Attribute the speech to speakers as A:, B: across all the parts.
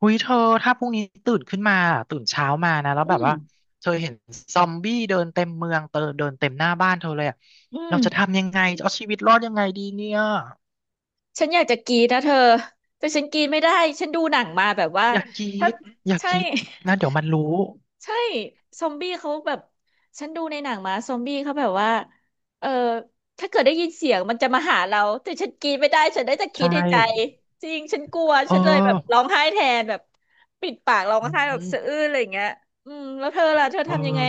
A: หุยเธอถ้าพรุ่งนี้ตื่นขึ้นมาตื่นเช้ามานะแล้ว
B: อื
A: แบบ
B: ม
A: ว่าเธอเห็นซอมบี้เดินเต็มเมืองเตอเดินเต็มหน้าบ้านเธอเลยอะ
B: อื
A: เรา
B: ม
A: จะทำยังไงจะเอาชีวิตรอดยังไงดีเนี่ย
B: ฉันอยากจะกรีดนะเธอแต่ฉันกรีดไม่ได้ฉันดูหนังมาแบบว่า
A: อย่ากรี
B: ถ้า
A: ดอย่า
B: ใช่
A: กรีดนะเดี๋ยวมันรู้
B: ใช่ซอมบี้เขาแบบฉันดูในหนังมาซอมบี้เขาแบบว่าเออถ้าเกิดได้ยินเสียงมันจะมาหาเราแต่ฉันกรีดไม่ได้ฉันได้แต่คิ
A: ใช่
B: ดในใจจริงฉันกลัว
A: เอ
B: ฉันเลยแบบร้
A: อ
B: องไห้แทนแบบปิดปากร้อง
A: อื
B: ไห้แบบสะอื้
A: ม
B: นอะไรอย่างเงี้ยอืมแล้วเธอล่ะเธอ
A: เออ
B: ทำยังไง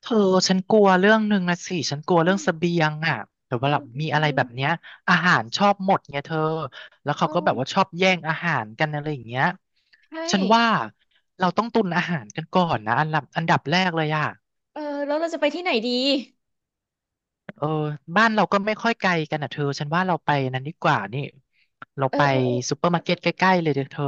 A: เธอฉันกลัวเรื่องหนึ่งนะสิฉันกลัว
B: อื
A: เรื่อง
B: ม
A: เสบียงอ่ะแต่ว่า
B: อื
A: แบ
B: ม
A: บ
B: อื
A: มี
B: มอื
A: อะไรแบ
B: ม
A: บเนี้ยอาหารชอบหมดไงเธอแล้ว
B: เอ
A: เขาก็แบบว่า
B: อ
A: ชอบแย่งอาหารกันอะไรอย่างเงี้ย
B: ใช่
A: ฉันว่าเราต้องตุนอาหารกันก่อนนะอันดับแรกเลยอ่ะ
B: เออแล้วเราจะไปที่ไหนดี
A: เออบ้านเราก็ไม่ค่อยไกลกันอ่ะเธอฉันว่าเราไปนั้นดีกว่านี่เรา
B: เออ
A: ไป
B: เออ
A: ซูเปอร์มาร์เก็ตใกล้ๆเลยเด้อเธอ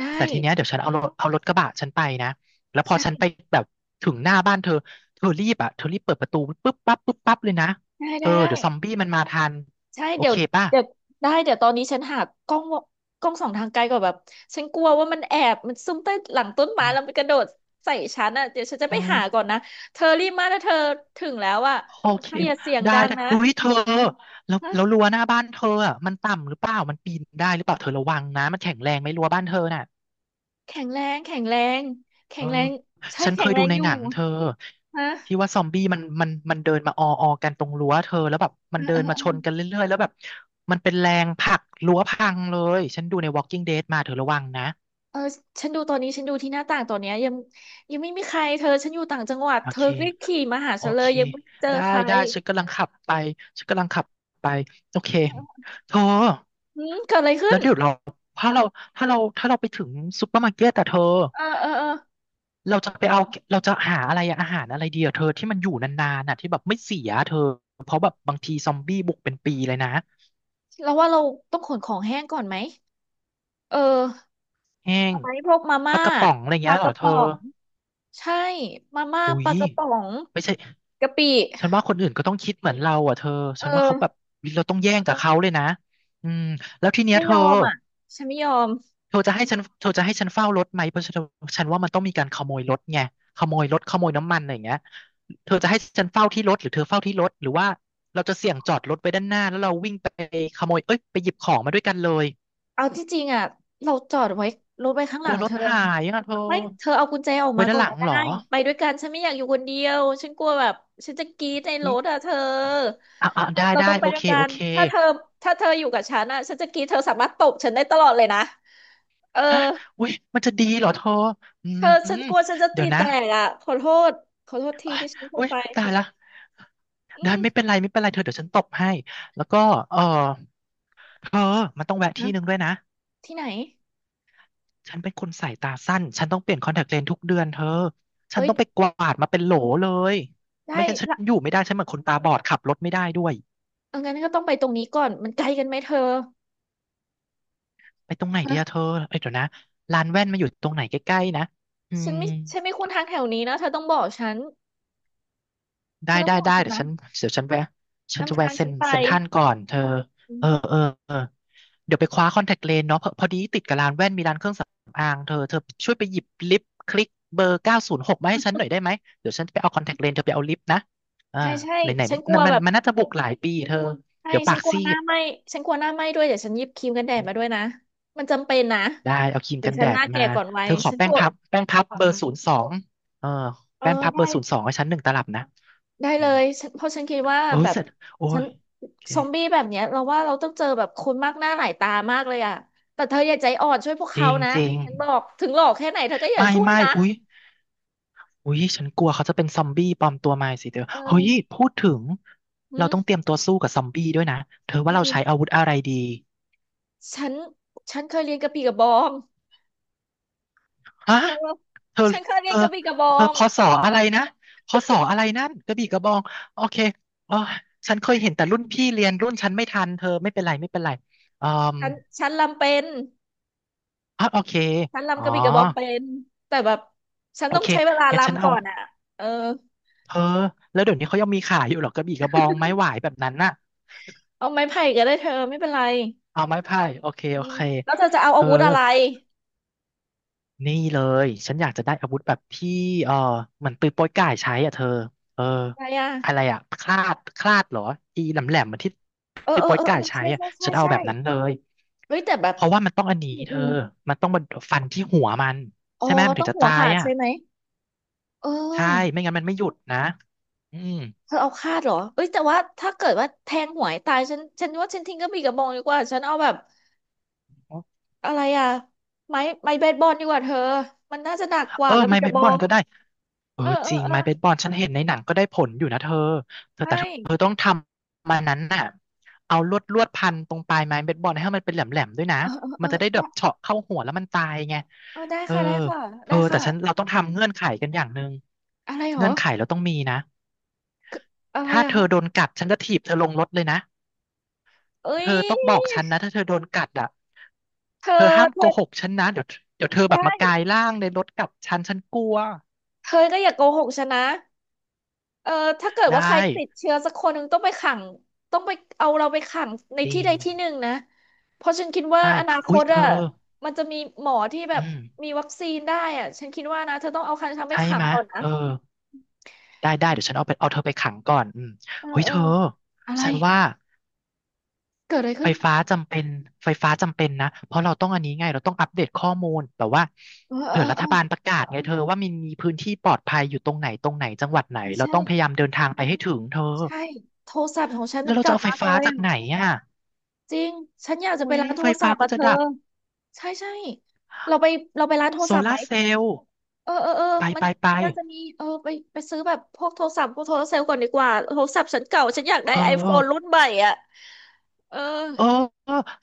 B: ได้
A: แต่ทีเนี้ยเดี๋ยวฉันเอารถกระบะฉันไปนะแล้วพอ
B: ใช่
A: ฉันไปแบบถึงหน้าบ้านเธอเธอรีบอ่ะเธอรีบเปิดประตูปุ๊บปั๊บปุ๊บปั๊บเลยนะ
B: ได้
A: เอ
B: ได้
A: อ
B: ได้
A: เดี๋ยวซอมบี้มันมาทัน
B: ใช่
A: โอ
B: เดี๋ย
A: เค
B: ว
A: ป่ะ
B: เดี๋ยวได้เดี๋ยวตอนนี้ฉันหากล้องวกล้องส่องทางไกลก่อนแบบฉันกลัวว่ามันแอบมันซุ่มใต้หลังต้นไม้แล้วมัน
A: อ
B: กระโดดใส่ฉันอ่ะเดี๋ยวฉันจะ
A: เอ้
B: ไป
A: ย
B: หาก่อนนะเธอรีบมาถ้าเธอถึงแล้วอ่ะ
A: โอ
B: เธ
A: เค
B: ออย่าเสียงดั
A: ได้
B: ง
A: ได้
B: นะ
A: เฮ้ยเธอแล้ว
B: ฮะ
A: แล้วรั้วหน้าบ้านเธออ่ะมันต่ำหรือเปล่ามันปีนได้หรือเปล่าเธอระวังนะมันแข็งแรงไหมรั้วบ้านเธอน่ะ
B: แข็งแรงแข็งแรงแข็
A: เออ
B: งแรงใช่
A: ฉันเค
B: แข็ง
A: ย
B: แร
A: ดู
B: ง
A: ใน
B: อยู่
A: หนังเธอ
B: ฮะ
A: ที่ว่าซอมบี้มันเดินมาออออกันตรงรั้วเธอแล้วแบบมั
B: เอ
A: น
B: อ
A: เดิ
B: เออ
A: นมา
B: เอ
A: ช
B: อ
A: นกันเรื่อยๆแล้วแบบมันเป็นแรงผลักรั้วพังเลยฉันดูใน Walking Dead มาเธอระวังนะ
B: เออฉันดูตอนนี้ฉันดูที่หน้าต่างตอนเนี้ยยังไม่มีใครเธอฉันอยู่ต่างจังหวัด
A: โอ
B: เธอ
A: เค
B: รีบขี่มาหา
A: โอ
B: ฉันเล
A: เค
B: ยยังไม่เจอ
A: ได้
B: ใคร
A: ได้ฉันกำลังขับไปฉันกำลังขับไปโอเคเธอ
B: อืมเกิดอะไรขึ้
A: แล้
B: น
A: วเดี๋ยวเราถ้าเราถ้าเราไปถึงซุปเปอร์มาร์เก็ตแต่เธอ
B: เออ
A: เราจะไปเอาเราจะหาอะไรอะอาหารอะไรดีอะเธอที่มันอยู่นานๆน่ะที่แบบไม่เสียเธอเพราะแบบบางทีซอมบี้บุกเป็นปีเลยนะ
B: เราว่าเราต้องขนของแห้งก่อนไหม เออ
A: แห้ง
B: เอาไมพวกมา
A: ป
B: ม่า
A: ลากระป๋องอะไร
B: ปลา
A: เงี้ย
B: ก
A: เหรอ
B: ระ
A: เธอ
B: ป๋องใช่มาม่า
A: อุ้
B: ป
A: ย
B: ลากระป๋อง
A: ไม่ใช่
B: กะปิ
A: ฉันว่าคนอื่นก็ต้องคิดเหมือนเราอ่ะเธอ
B: เอ
A: ฉันว่า
B: อ
A: เขาแบบเราต้องแย่งกับเขาเลยนะอืมแล้วทีเนี้ย
B: ไม่
A: เธ
B: ย
A: อ
B: อมอ่ะฉันไม่ยอม
A: เธอจะให้ฉันเธอจะให้ฉันเฝ้ารถไหมเพราะฉันฉันว่ามันต้องมีการขโมยรถไงขโมยรถขโมยน้ำมันอะไรอย่างเงี้ยเธอจะให้ฉันเฝ้าที่รถหรือเธอเฝ้าที่รถหรือว่าเราจะเสี่ยงจอดรถไว้ด้านหน้าแล้วเราวิ่งไปขโมยเอ้ยไปหยิบของมาด้วยกันเลย
B: เอาที่จริงอ่ะเราจอดไว้รถไว้ข้างห
A: ก
B: ลั
A: ลัว
B: ง
A: ร
B: เธ
A: ถ
B: อ
A: หายอ่ะเธอ
B: ไม่เธอเอากุญแจออก
A: ไว้
B: มา
A: ด้า
B: ก่
A: น
B: อ
A: ห
B: น
A: ลัง
B: ก็
A: เหรอ
B: ได้ไปด้วยกันฉันไม่อยากอยู่คนเดียวฉันกลัวแบบฉันจะกรี๊ดในร
A: อุ้ย
B: ถอ่ะเธอ
A: อ่ะอ่ะได้
B: เรา
A: ได้
B: ต้องไป
A: โอ
B: ด้ว
A: เค
B: ยกั
A: โอ
B: น
A: เค
B: ถ้าเธอถ้าเธออยู่กับฉันอ่ะฉันจะกรี๊ดเธอสามารถตบฉันได้ตลอดเลยนะเออ
A: ฮะอุ้ยมันจะดีเหรอเธออื
B: เธอฉั
A: ม
B: นกลัวฉันจะ
A: เดี๋
B: ตี
A: ยว
B: แต
A: นะ
B: กอ่ะษขอโทษทีที่ฉันพู
A: อุ้
B: ด
A: ย
B: ไป
A: ตายละ
B: อื
A: ได้
B: ม
A: ไม่เป็นไรไม่เป็นไรเธอเดี๋ยวฉันตบให้แล้วก็เออเธอมันต้องแวะ
B: ฮะ
A: ที่หนึ่งด้วยนะ
B: ที่ไหน
A: ฉันเป็นคนสายตาสั้นฉันต้องเปลี่ยนคอนแทคเลนส์ทุกเดือนเธอฉัน
B: เอ้ย
A: ต้องไปกวาดมาเป็นโหลเลย
B: ได้
A: ไม่งั้นฉัน
B: ละ
A: อยู่ไม่ได้ฉันเหมือนคนตาบอดขับรถไม่ได้ด้วย
B: เอางั้นก็ต้องไปตรงนี้ก่อนมันไกลกันไหมเธอ
A: ไปตรงไหนดีอะเธอเอ้ยเดี๋ยวนะร้านแว่นมาอยู่ตรงไหนใกล้ๆนะอื
B: ฉัน
A: ม
B: ไม่ฉันไม่คุ้นทางแถวนี้นะเธอต้องบอกฉันเธ
A: ได้
B: อต้อง
A: ได้
B: บอก
A: ได้
B: ฉัน
A: เดี๋ยว
B: นะ
A: ฉันเดี๋ยวฉันแวะฉันจะ
B: นำ
A: แวะ
B: ทาง
A: เซ็
B: ฉั
A: น
B: นไป
A: เซ็นทรัลก่อนเธอเออเออเออ เดี๋ยวไปคว้าคอนแทคเลนส์เนาะพอดีติดกับร้านแว่นมีร้านเครื่องสำอางเธอเธอช่วยไปหยิบลิปคลิกเบอร์906มาให้ฉันหน่อยได้ไหมเดี๋ยวฉันไปเอาคอนแทคเลนส์เธอไปเอาลิปนะอ่า
B: ใช่ใช่
A: ไหนไหน
B: ฉันกลั
A: มั
B: ว
A: นมั
B: แบ
A: น
B: บ
A: มันน่าจะบวกหลายปีเธอ
B: ใช่
A: เดี๋ยว
B: ฉั
A: ปา
B: น
A: ก
B: กลัว
A: ซี
B: หน้า
A: ด
B: ไหม้ฉันกลัวหน้าไหม้ด้วยเดี๋ยวฉันหยิบครีมกันแดดมาด้วยนะมันจำเป็นนะ
A: ได้เอาครีม
B: เดี๋ย
A: กั
B: ว
A: น
B: ฉั
A: แด
B: นห
A: ด
B: น้า
A: มา
B: แก่ก่อนวั
A: เธ
B: ย
A: อขอ
B: ฉันก
A: แป้ง
B: ลัว
A: พับแป้งพับเบอร์ศูนย์สองเออ
B: เออ
A: แป้งพับเบ
B: ได้
A: อร์ศูนย์สองให้ฉันหนึ่งตลับนะ
B: ได้
A: อื
B: เล
A: ม
B: ยฉันเพราะฉันคิดว่า
A: โอ้
B: แบ
A: ย
B: บ
A: เสร็จโอ้
B: ฉัน
A: ยโอเค
B: ซอมบี้แบบเนี้ยเราว่าเราต้องเจอแบบคนมากหน้าหลายตามากเลยอ่ะแต่เธออย่าใจอ่อนช่วยพวก
A: จ
B: เขา
A: ริง
B: นะ
A: จริง
B: ฉันบอกถึงหลอกแค่ไหนเธอก็อย่า
A: ไม่
B: ช่วย
A: ไม่
B: นะ
A: อุ๊ย อุ้ยฉันกลัวเขาจะเป็นซอมบี้ปลอมตัวมาสิเธอ
B: เ
A: เฮ้ย
B: ออ
A: พูดถึง
B: อื
A: เรา
B: ม
A: ต้องเตรียมตัวสู้กับซอมบี้ด้วยนะเธอว่า
B: อื
A: เรา
B: ม
A: ใช้อาวุธอะไรดี
B: ฉันฉันเคยเรียนกระบี่กระบอง
A: ฮะ
B: เธอ
A: เธอ
B: ฉันเคย
A: เธ
B: เรียน
A: อ
B: กระบี่กระบอ
A: เธอ
B: ง
A: พอสออะไรนะพอสออะไรนั่นกระบี่กระบองโอเคอ๋อฉันเคยเห็นแต่รุ่นพี่เรียนรุ่นฉันไม่ทันเธอไม่เป็นไรไม่เป็นไรอืม
B: ฉันฉันลำเป็น
A: อ๋อโอเค
B: ฉัน
A: อ๋
B: รำ
A: อ
B: กระบี่กระบองเป็นแต่แบบฉัน
A: โอ
B: ต้อง
A: เค
B: ใช้เวลา
A: งั้นฉัน
B: รำ
A: เอา
B: ก่อนอ่ะเออ
A: เธอแล้วเดี๋ยวนี้เขายังมีขายอยู่เหรอกระบี่กระบองไม้หวายแบบนั้นน่ะ
B: เอาไม้ไผ่ก็ได้เธอไม่เป็นไร
A: เอาไม้ไผ่โอเค
B: อื
A: โอ
B: ม
A: เค
B: แล้วเธอจะเอา
A: เธ
B: อา
A: อ
B: วุธอะไร
A: นี่เลยฉันอยากจะได้อาวุธแบบที่เออเหมือนปืนโป๊ยก่ายใช้อ่ะเธอเออ
B: อะไรอ่ะ
A: อะไรอ่ะคลาดเหรออีแหลมแหลมเหมือนที่
B: เออ
A: ปืน
B: เออ
A: โป๊ย
B: เออเอ
A: ก่าย
B: อ
A: ใช้
B: ใช่
A: อ่ะ
B: ใช่ใช่
A: ฉันเอา
B: ใช่
A: แบบนั้นเลย
B: เฮ้ยแต่แบบ
A: เพราะว่ามันต้องอันนี้
B: อืม
A: เธ
B: อ
A: อ
B: ม
A: มันต้องมาฟันที่หัวมัน
B: อ๋อ
A: ใช่ไหมมัน
B: ต้
A: ถึ
B: อ
A: ง
B: ง
A: จะ
B: หัว
A: ตาย
B: ขาด
A: อ่ะ
B: ใช่ไหมเ
A: ใช่
B: ออ
A: ไม่งั้นมันไม่หยุดนะอืม
B: เธอเอาคาดเหรอเอ้ยแต่ว่าถ้าเกิดว่าแทงหวยตายฉันว่าฉันทิ้งกระบี่กระบองดีกว่าฉันเอาแบบอะไรอ่ะไม้เบสบอลดีกว่าเธอมันน่าจะหนักก
A: เอ
B: ว่า
A: อ
B: กระ
A: ไม้
B: บี่ก
A: เบ
B: ระ
A: ส
B: บอ
A: บอล
B: ง
A: ก็ได้เออ
B: เออเอ
A: จ
B: อ
A: ริง
B: เออ
A: ไม้เบสบอลฉันเห็นในหนังก็ได้ผลอยู่นะเธอ
B: ใช่
A: เธอต้องทำมันนั้นน่ะเอาลวดพันตรงปลายไม้เบสบอลให้มันเป็นแหลมแหลมด้วยนะ
B: เออเออเอ
A: มันจะได้แบ
B: อ
A: บเฉาะเข้าหัวแล้วมันตายไง
B: เออได้
A: เออ
B: ค่ะได้ค่ะ
A: เธ
B: ได้
A: อแต่
B: ค่ะ
A: ฉันเราต้องทำเงื่อนไขกันอย่างหนึ่ง
B: อะไรเหร
A: เงื่
B: อ
A: อนไขเราต้องมีนะ
B: อะไร
A: ถ้า
B: อะ
A: เธ
B: คะ
A: อโดนกัดฉันจะถีบเธอลงรถเลยนะ
B: เอ้
A: เธอต้องบอก
B: ย
A: ฉันนะถ้าเธอโดนกัดอ่ะ
B: เธอ
A: เธอห้าม
B: เธ
A: โกห
B: อ
A: กฉันนะเดี๋ยวเดี๋ยวเธอแบ
B: ได้
A: บมากายร่างในรถกับฉันฉันกลัว
B: เธอก็อย่าโกหกฉันนะเออถ้าเกิด
A: ได้
B: ว่าใครติดเชื้อสักคนหนึ่งต้องไปขังต้องไปเอาเราไปขังใน
A: จริ
B: ที่
A: ง
B: ใดที่หนึ่งนะเพราะฉันคิดว่า
A: ใช่
B: อนาค
A: อุ๊ย
B: ต
A: เธอ
B: อะมันจะมีหมอที่แบ
A: อื
B: บ
A: ม
B: มีวัคซีนได้อะฉันคิดว่านะเธอต้องเอาคันฉันไป
A: ใช่
B: ขัง
A: ไหมะ
B: ก่อนนะ
A: เออ ได้ได้เดี๋ยวฉันเอาไปเอาเธอไปขังก่อนอืม
B: เออ
A: เฮ้ย
B: เอ
A: เธ
B: อ
A: อ
B: อะไร
A: ฉันว่า
B: เกิดอะไร
A: ไฟ
B: ขึ้น
A: ฟ้าจำเป็นไฟฟ้าจำเป็นนะเพราะเราต้องอันนี้ไงเราต้องอัปเดตข้อมูลแบบว่า
B: เออ
A: เผื่
B: เอ
A: อ
B: อ
A: รั
B: เอ
A: ฐ
B: อ
A: บาลประกาศไงเธอว่ามันมีพื้นที่ปลอดภัยอยู่ตรงไหนตรงไหนจังหวัดไหน
B: ใช่
A: เรา
B: ใช่
A: ต้องพยายามเดินทางไปให้ถึงเธอ
B: ใช่โทรศัพท์ของฉัน
A: แล้
B: มั
A: ว
B: น
A: เราจะ
B: เก่า
A: เอาไฟ
B: มากเล
A: ฟ้า
B: ย
A: จาก
B: อะ
A: ไหนอ่ะ
B: จริง ฉันอยากจะ
A: โอ้
B: ไป
A: ย
B: ร้านโท
A: ไฟ
B: รศั
A: ฟ้า
B: พท์
A: ก็
B: อ่ะเธ
A: จะ
B: อ
A: ดับ
B: ใช่ใช่เราไปเราไปร้านโทร
A: โซ
B: ศัพท์ไห
A: ลา
B: ม
A: ร์เซลล์
B: เออ
A: ไป
B: มัน
A: ไปไป
B: มันน่าจะมีไปไปซื้อแบบพวกโทรศัพท์พวกโทรเซลล์ก่อนดีกว่าโทรศัพท์ฉันเก่าฉันอยากได้
A: เอ
B: ไอโฟนรุ่น
A: อ
B: ใหม่อ่ะเออ
A: เออ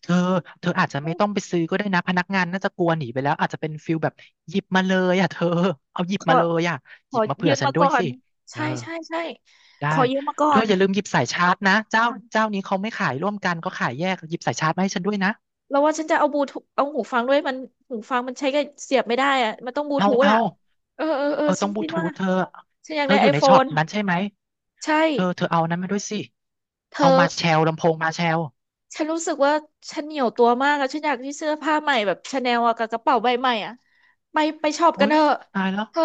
A: เธอเธออาจจะไม่ต้องไปซื้อก็ได้นะพนักงานน่าจะกลัวหนีไปแล้วอาจจะเป็นฟิลแบบหยิบมาเลยอ่ะเธอเอาหยิ
B: ข
A: บ
B: อ
A: มาเลยอ่ะ
B: ข
A: หยิ
B: อ
A: บมาเผื่
B: ยื
A: อ
B: ม
A: ฉัน
B: มา
A: ด้ว
B: ก่
A: ย
B: อ
A: สิ
B: น
A: เอ
B: ใช่
A: อ
B: ใช่ใช่
A: ได้
B: ขอยืมมาก่อ
A: เธอ
B: น
A: อย่าลืมหยิบสายชาร์จนะเจ้าเจ้านี้เขาไม่ขายร่วมกันเขาขายแยกหยิบสายชาร์จมาให้ฉันด้วยนะ
B: แล้วว่าฉันจะเอาบลูทูธเอาหูฟังด้วยมันหูฟังมันใช้กับเสียบไม่ได้อ่ะมันต้องบลู
A: เอา
B: ทูธ
A: เอา
B: อ่ะเออ
A: เออ
B: ฉั
A: ต้อ
B: น
A: งบลู
B: คิด
A: ทู
B: ว่า
A: ธเธอ
B: ฉันอยา
A: เธ
B: ก
A: อ
B: ได้
A: อ
B: ไอ
A: ยู่ใน
B: โฟ
A: ช็อป
B: น
A: นั้นใช่ไหม
B: ใช่
A: เธอเอานั้นมาด้วยสิ
B: เธ
A: เอา
B: อ
A: มาแชลลำโพงมาแชล
B: ฉันรู้สึกว่าฉันเหนียวตัวมากอะฉันอยากที่เสื้อผ้าใหม่แบบชาแนลอะกับกระเป๋าใบใหม่อะไปช็อป
A: โอ๊
B: กัน
A: ย
B: เถอะ
A: ตายแล้ว
B: เธอ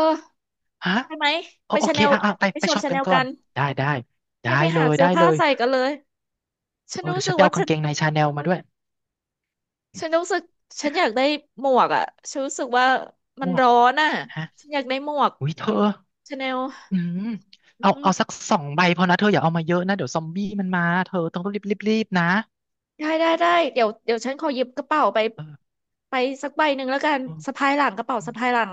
A: ฮะ
B: ไปไหม
A: โอ
B: ไป
A: โอ
B: ชา
A: เค
B: แนล
A: อ่ะอ่ะไป
B: ไป
A: ไป
B: ช็อป
A: ช็อป
B: ชา
A: กั
B: แน
A: น
B: ล
A: ก่อ
B: กั
A: น
B: น
A: ได้ได้ได้
B: ให้ไป
A: เล
B: หา
A: ย
B: เสื้
A: ได้
B: อ
A: เล
B: ผ้า
A: ย
B: ใส่กันเลยฉัน
A: เออ
B: รู้
A: เดี๋ยว
B: สึ
A: ฉัน
B: ก
A: ไป
B: ว่า
A: เอากา
B: ฉั
A: ง
B: น
A: เกงในชาแนลมาด้วย
B: ฉันรู้สึกฉันอยากได้หมวกอะฉันรู้สึกว่า
A: ห
B: มั
A: ม
B: น
A: วก
B: ร้อนอะ
A: ฮะ
B: ฉันอยากได้หมวก
A: อุ้ยเธอ
B: ชาแนล
A: อืม
B: อื
A: เอา
B: ม
A: เอาสักสองใบพอนะเธออย่าเอามาเยอะนะเดี๋ยวซอมบี้มันมา เธอต้องรีบนะ
B: ได้เดี๋ยวฉันขอหยิบกระเป๋าไป
A: เออ
B: ไปสักใบหนึ่งแล้วกันสะ
A: เออ
B: พายหลังกระเป๋าสะพายหลัง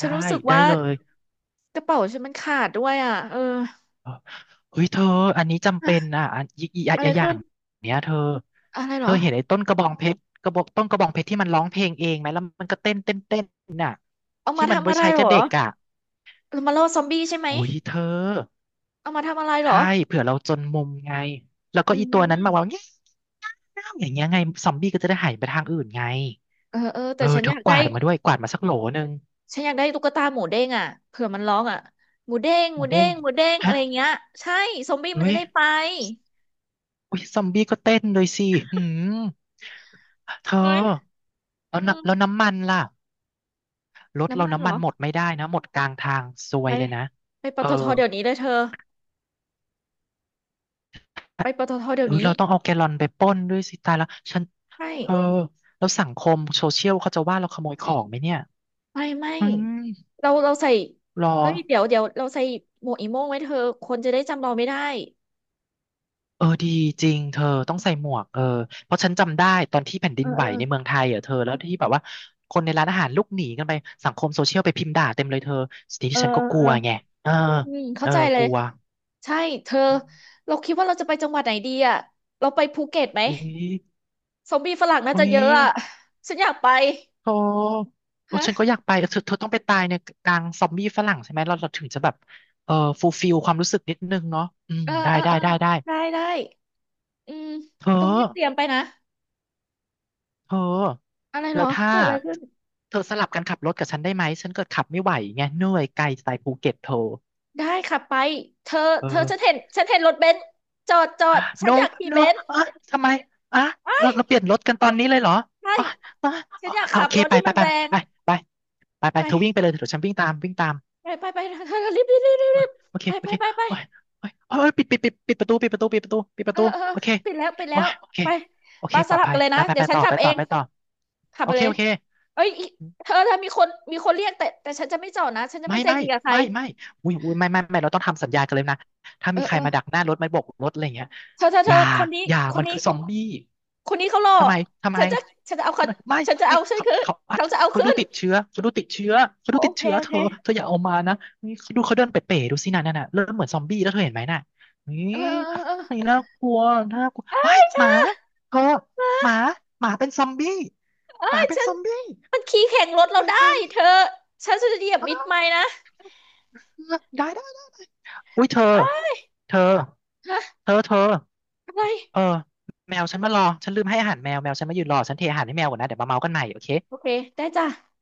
B: ฉั
A: ด้
B: นรู้สึก
A: ได้
B: ว่า
A: เลย
B: กระเป๋าฉันมันขาดด้วยอ่ะเออ
A: เออเฮ้ยเธอ อันนี้จำเป็นอ่ะอันอีกอีก
B: อะไร
A: อีกอย่า
B: ขึ้
A: ง
B: น
A: เนี้ยเธอ
B: อะไรเห
A: เธ
B: ร
A: อ
B: อ
A: เห็นไอ้ต้นกระบองเพชรกระบอกต้นกระบองเพชรที่มันร้องเพลงเองไหมแล้วมันก็เต้นน่ะ
B: เอามา
A: ที่มัน
B: ทำ
A: ไว้
B: อะไร
A: ใช้
B: เหร
A: กับ
B: อ
A: เด็กอ่ะ
B: เอามาล่อซอมบี้ใช่ไหม
A: โอ้ยเธอ
B: เอามาทำอะไรเหรอ
A: ใช่เผื่อเราจนมุมไงแล้วก็
B: อื
A: อีตัวนั้น
B: ม
A: มาว่าเงี้ยอย่างเงี้ยไงซอมบี้ก็จะได้หายไปทางอื่นไง
B: เออ
A: เอ
B: แต่
A: อ
B: ฉัน
A: เธ
B: อ
A: อ
B: ยาก
A: ก
B: ได้
A: วาดมาด้วยกวาดมาสักโหลหนึ่ง
B: ตุ๊กตาหมูเด้งอ่ะเผื่อมันร้องอ่ะ
A: หมูเด้ง
B: หมูเด้งอะ
A: ฮะ
B: ไรเงี้ยใช่ซอมบี้มั
A: อุ้
B: นจะ
A: ย
B: ได้ไป
A: อุ้ยซอมบี้ก็เต้นเลยสิหืมเธ
B: เฮ้ย
A: อแล้ว
B: อื
A: น้ำ
B: ม
A: แล้วน้ำมันล่ะรถเรา
B: น้ำมันเหร
A: น้ำมั
B: อ
A: นหมดไม่ได้นะหมดกลางทางซว
B: ไป
A: ยเลยนะ
B: ไปป
A: เออ
B: ตทเดี๋ยวนี้เลยเธอไปปตทเดี๋ย
A: ห
B: ว
A: รือ
B: นี้
A: เราต้องเอาแกลลอนไปปล้นด้วยสิตายแล้วฉัน
B: ไม่
A: เออแล้วสังคมโซเชียลเขาจะว่าเราขโมยของไหมเนี่ย
B: ไม่
A: อืม
B: เราใส่
A: รอ
B: เอ้ยเดี๋ยวเราใส่หมวกอีโม่งไว้เธอคนจะได้จำเราไม่ได้
A: เออดีจริงเธอต้องใส่หมวกเออเพราะฉันจำได้ตอนที่แผ่นดิ
B: เอ
A: น
B: อ
A: ไห
B: เอ
A: ว
B: อ
A: ในเมืองไทยอ่ะเธอแล้วที่แบบว่าคนในร้านอาหารลุกหนีกันไปสังคมโซเชียลไปพิมพ์ด่าเต็มเลยเธอสิ่
B: เอ
A: ที่
B: อ
A: ฉัน
B: เอ
A: ก็
B: อ
A: ก
B: เอ
A: ลั
B: อ
A: วไงเออ
B: อืม
A: เอ
B: เข้า
A: อ
B: ใจเล
A: ก
B: ย
A: ลัว
B: ใช่เธอ
A: อืม
B: เราคิดว่าเราจะไปจังหวัดไหนดีอ่ะเราไปภูเก็ตไหม
A: อุ๊ย
B: ซอมบี้ฝรั่งน่า
A: อุ๊
B: จะ
A: ย
B: เยอะอ่ะฉันอยากไป
A: โธโอ้
B: ฮะ
A: ฉันก็อยากไปเเธอเธอต้องไปตายในกลางซอมบี้ฝรั่งใช่ไหมเราเราถึงจะแบบเออฟูลฟิลความรู้สึกนิดนึงเนาะอืม
B: เออ
A: ได้
B: เออ
A: ได้
B: เออ
A: ได้ได้
B: ได้อืม
A: เธอ
B: ตรงนี้เตรียมไปนะ
A: เธอ
B: อะไรเหร
A: แล้
B: อ
A: วถ้า
B: เกิดอะไรขึ้น
A: เธอสลับกันขับรถกับฉันได้ไหมฉันเกิดขับไม่ไหวไงเหนื่อยไกลสไตล์ภูเก็ตเธอ
B: ได้ค่ะไปเธอ
A: เอ
B: เธอฉัน
A: อ
B: เห็นฉันเห็นรถเบนซ์จอด ฉัน
A: no
B: อยากขี่
A: no
B: เบนซ์
A: เอ้ยทำไมอ่ะ
B: ไอ้า
A: เรา
B: ย
A: เราเปลี่ยนรถกันตอนนี้เลยเหรอ
B: ใช่
A: อ๋ออ๋อ
B: ฉั
A: อ๋อ
B: นอยาก
A: อ่ะโอ
B: ขับ
A: เค
B: รถ
A: ไป
B: ที่
A: ไป
B: มัน
A: ไป
B: แรง
A: ไปไปไปไปเธอวิ่งไป
B: ไป
A: เลยเดี๋ยวฉันวิ่งตามวิ่งตาม
B: ไปเธอรีบรีบรีบรีบ
A: โอ้
B: รี
A: ย
B: บ
A: โอเค
B: ไป
A: โอ
B: ไป
A: เค
B: ไปไป
A: โอ้ยโอ้ยปิดประตูปิดประตูปิดประตูปิดป
B: เอ
A: ระ
B: อ
A: ตู
B: เออ
A: โอเค
B: ปิดแล้วปิดแล้
A: โอ้
B: ว
A: ยโอเค
B: ไป
A: โอเค
B: ปา
A: ป
B: ส
A: ลอด
B: ลับ
A: ภั
B: กั
A: ย
B: นเลย
A: ไป
B: นะ
A: ไป
B: เดี๋ย
A: ไป
B: วฉัน
A: ต่อ
B: ขั
A: ไป
B: บเอ
A: ต่อ
B: ง
A: ไปต่อ
B: ขับ
A: โอ
B: ไป
A: เค
B: เลย
A: โอเค
B: เอ้ยอีเธอมีคนเรียกแต่ฉันจะไม่จอดนะฉันจะ
A: ไม่
B: ไม่ใจ
A: ไม่
B: ดีกับใคร
A: ไม่อุ้ยไม่เราต้องทำสัญญากันเลยนะถ้า
B: เอ
A: มี
B: อ
A: ใค
B: เอ
A: ร
B: อ
A: มาดักหน้ารถไม่โบกรถอะไรอย่างเงี้ย
B: เธอเธอ
A: อ
B: เธ
A: ย่า
B: อคนนี้
A: อย่า
B: คน
A: มันคื
B: นี้
A: อซอมบี้
B: คนนี้เขารอ
A: ทำไมทำไม
B: ฉันจะฉันจะเอา
A: เขา
B: เขา
A: บอกไม่
B: ฉันจะ
A: ไม่
B: เอาฉัน
A: เขา
B: ขึ้น
A: เขาอัด
B: เขาจะเอา
A: เขา
B: ขึ้
A: ดู
B: น
A: ติดเชื้อเขาดูติดเชื้อเขา
B: โอ
A: ดู
B: โอ
A: ติด
B: เค
A: เชื้อ
B: โอ
A: เธ
B: เค
A: อเธออย่าเอามานะนี่เขาดูเขาเดินเป๋ๆดูสิน่ะนั่นน่ะเริ่มเหมือนซอมบี้แล้วเธอเห็นไหมน่ะนี่
B: เออเออ
A: นี่น่ากลัวน่ากลัวว้าย
B: เธ
A: หมา
B: อ
A: เธอหมาหมาเป็นซอมบี้
B: เอ้
A: หมา
B: ย
A: เป็น
B: ฉั
A: ซ
B: น
A: อมบี้
B: มันขี่แข่งร
A: มั
B: ถ
A: น
B: เรา
A: กลาย
B: ได้
A: พันธุ์
B: เธอฉันจะเหยียบ
A: อ้า
B: มิด
A: ว
B: ไม้นะ
A: ได้ได้ อุ้ยเธอ
B: อ้า
A: เธอ
B: ฮะ
A: เธอ
B: อะไร
A: เออแมวฉันมารอฉันลืมให้อาหารแมวแมวฉันมายืนรอฉันเทอาหารให้แมวก่อนนะเดี๋ยวมาเมากันใหม่โอเค
B: โอเคได้จ้ะ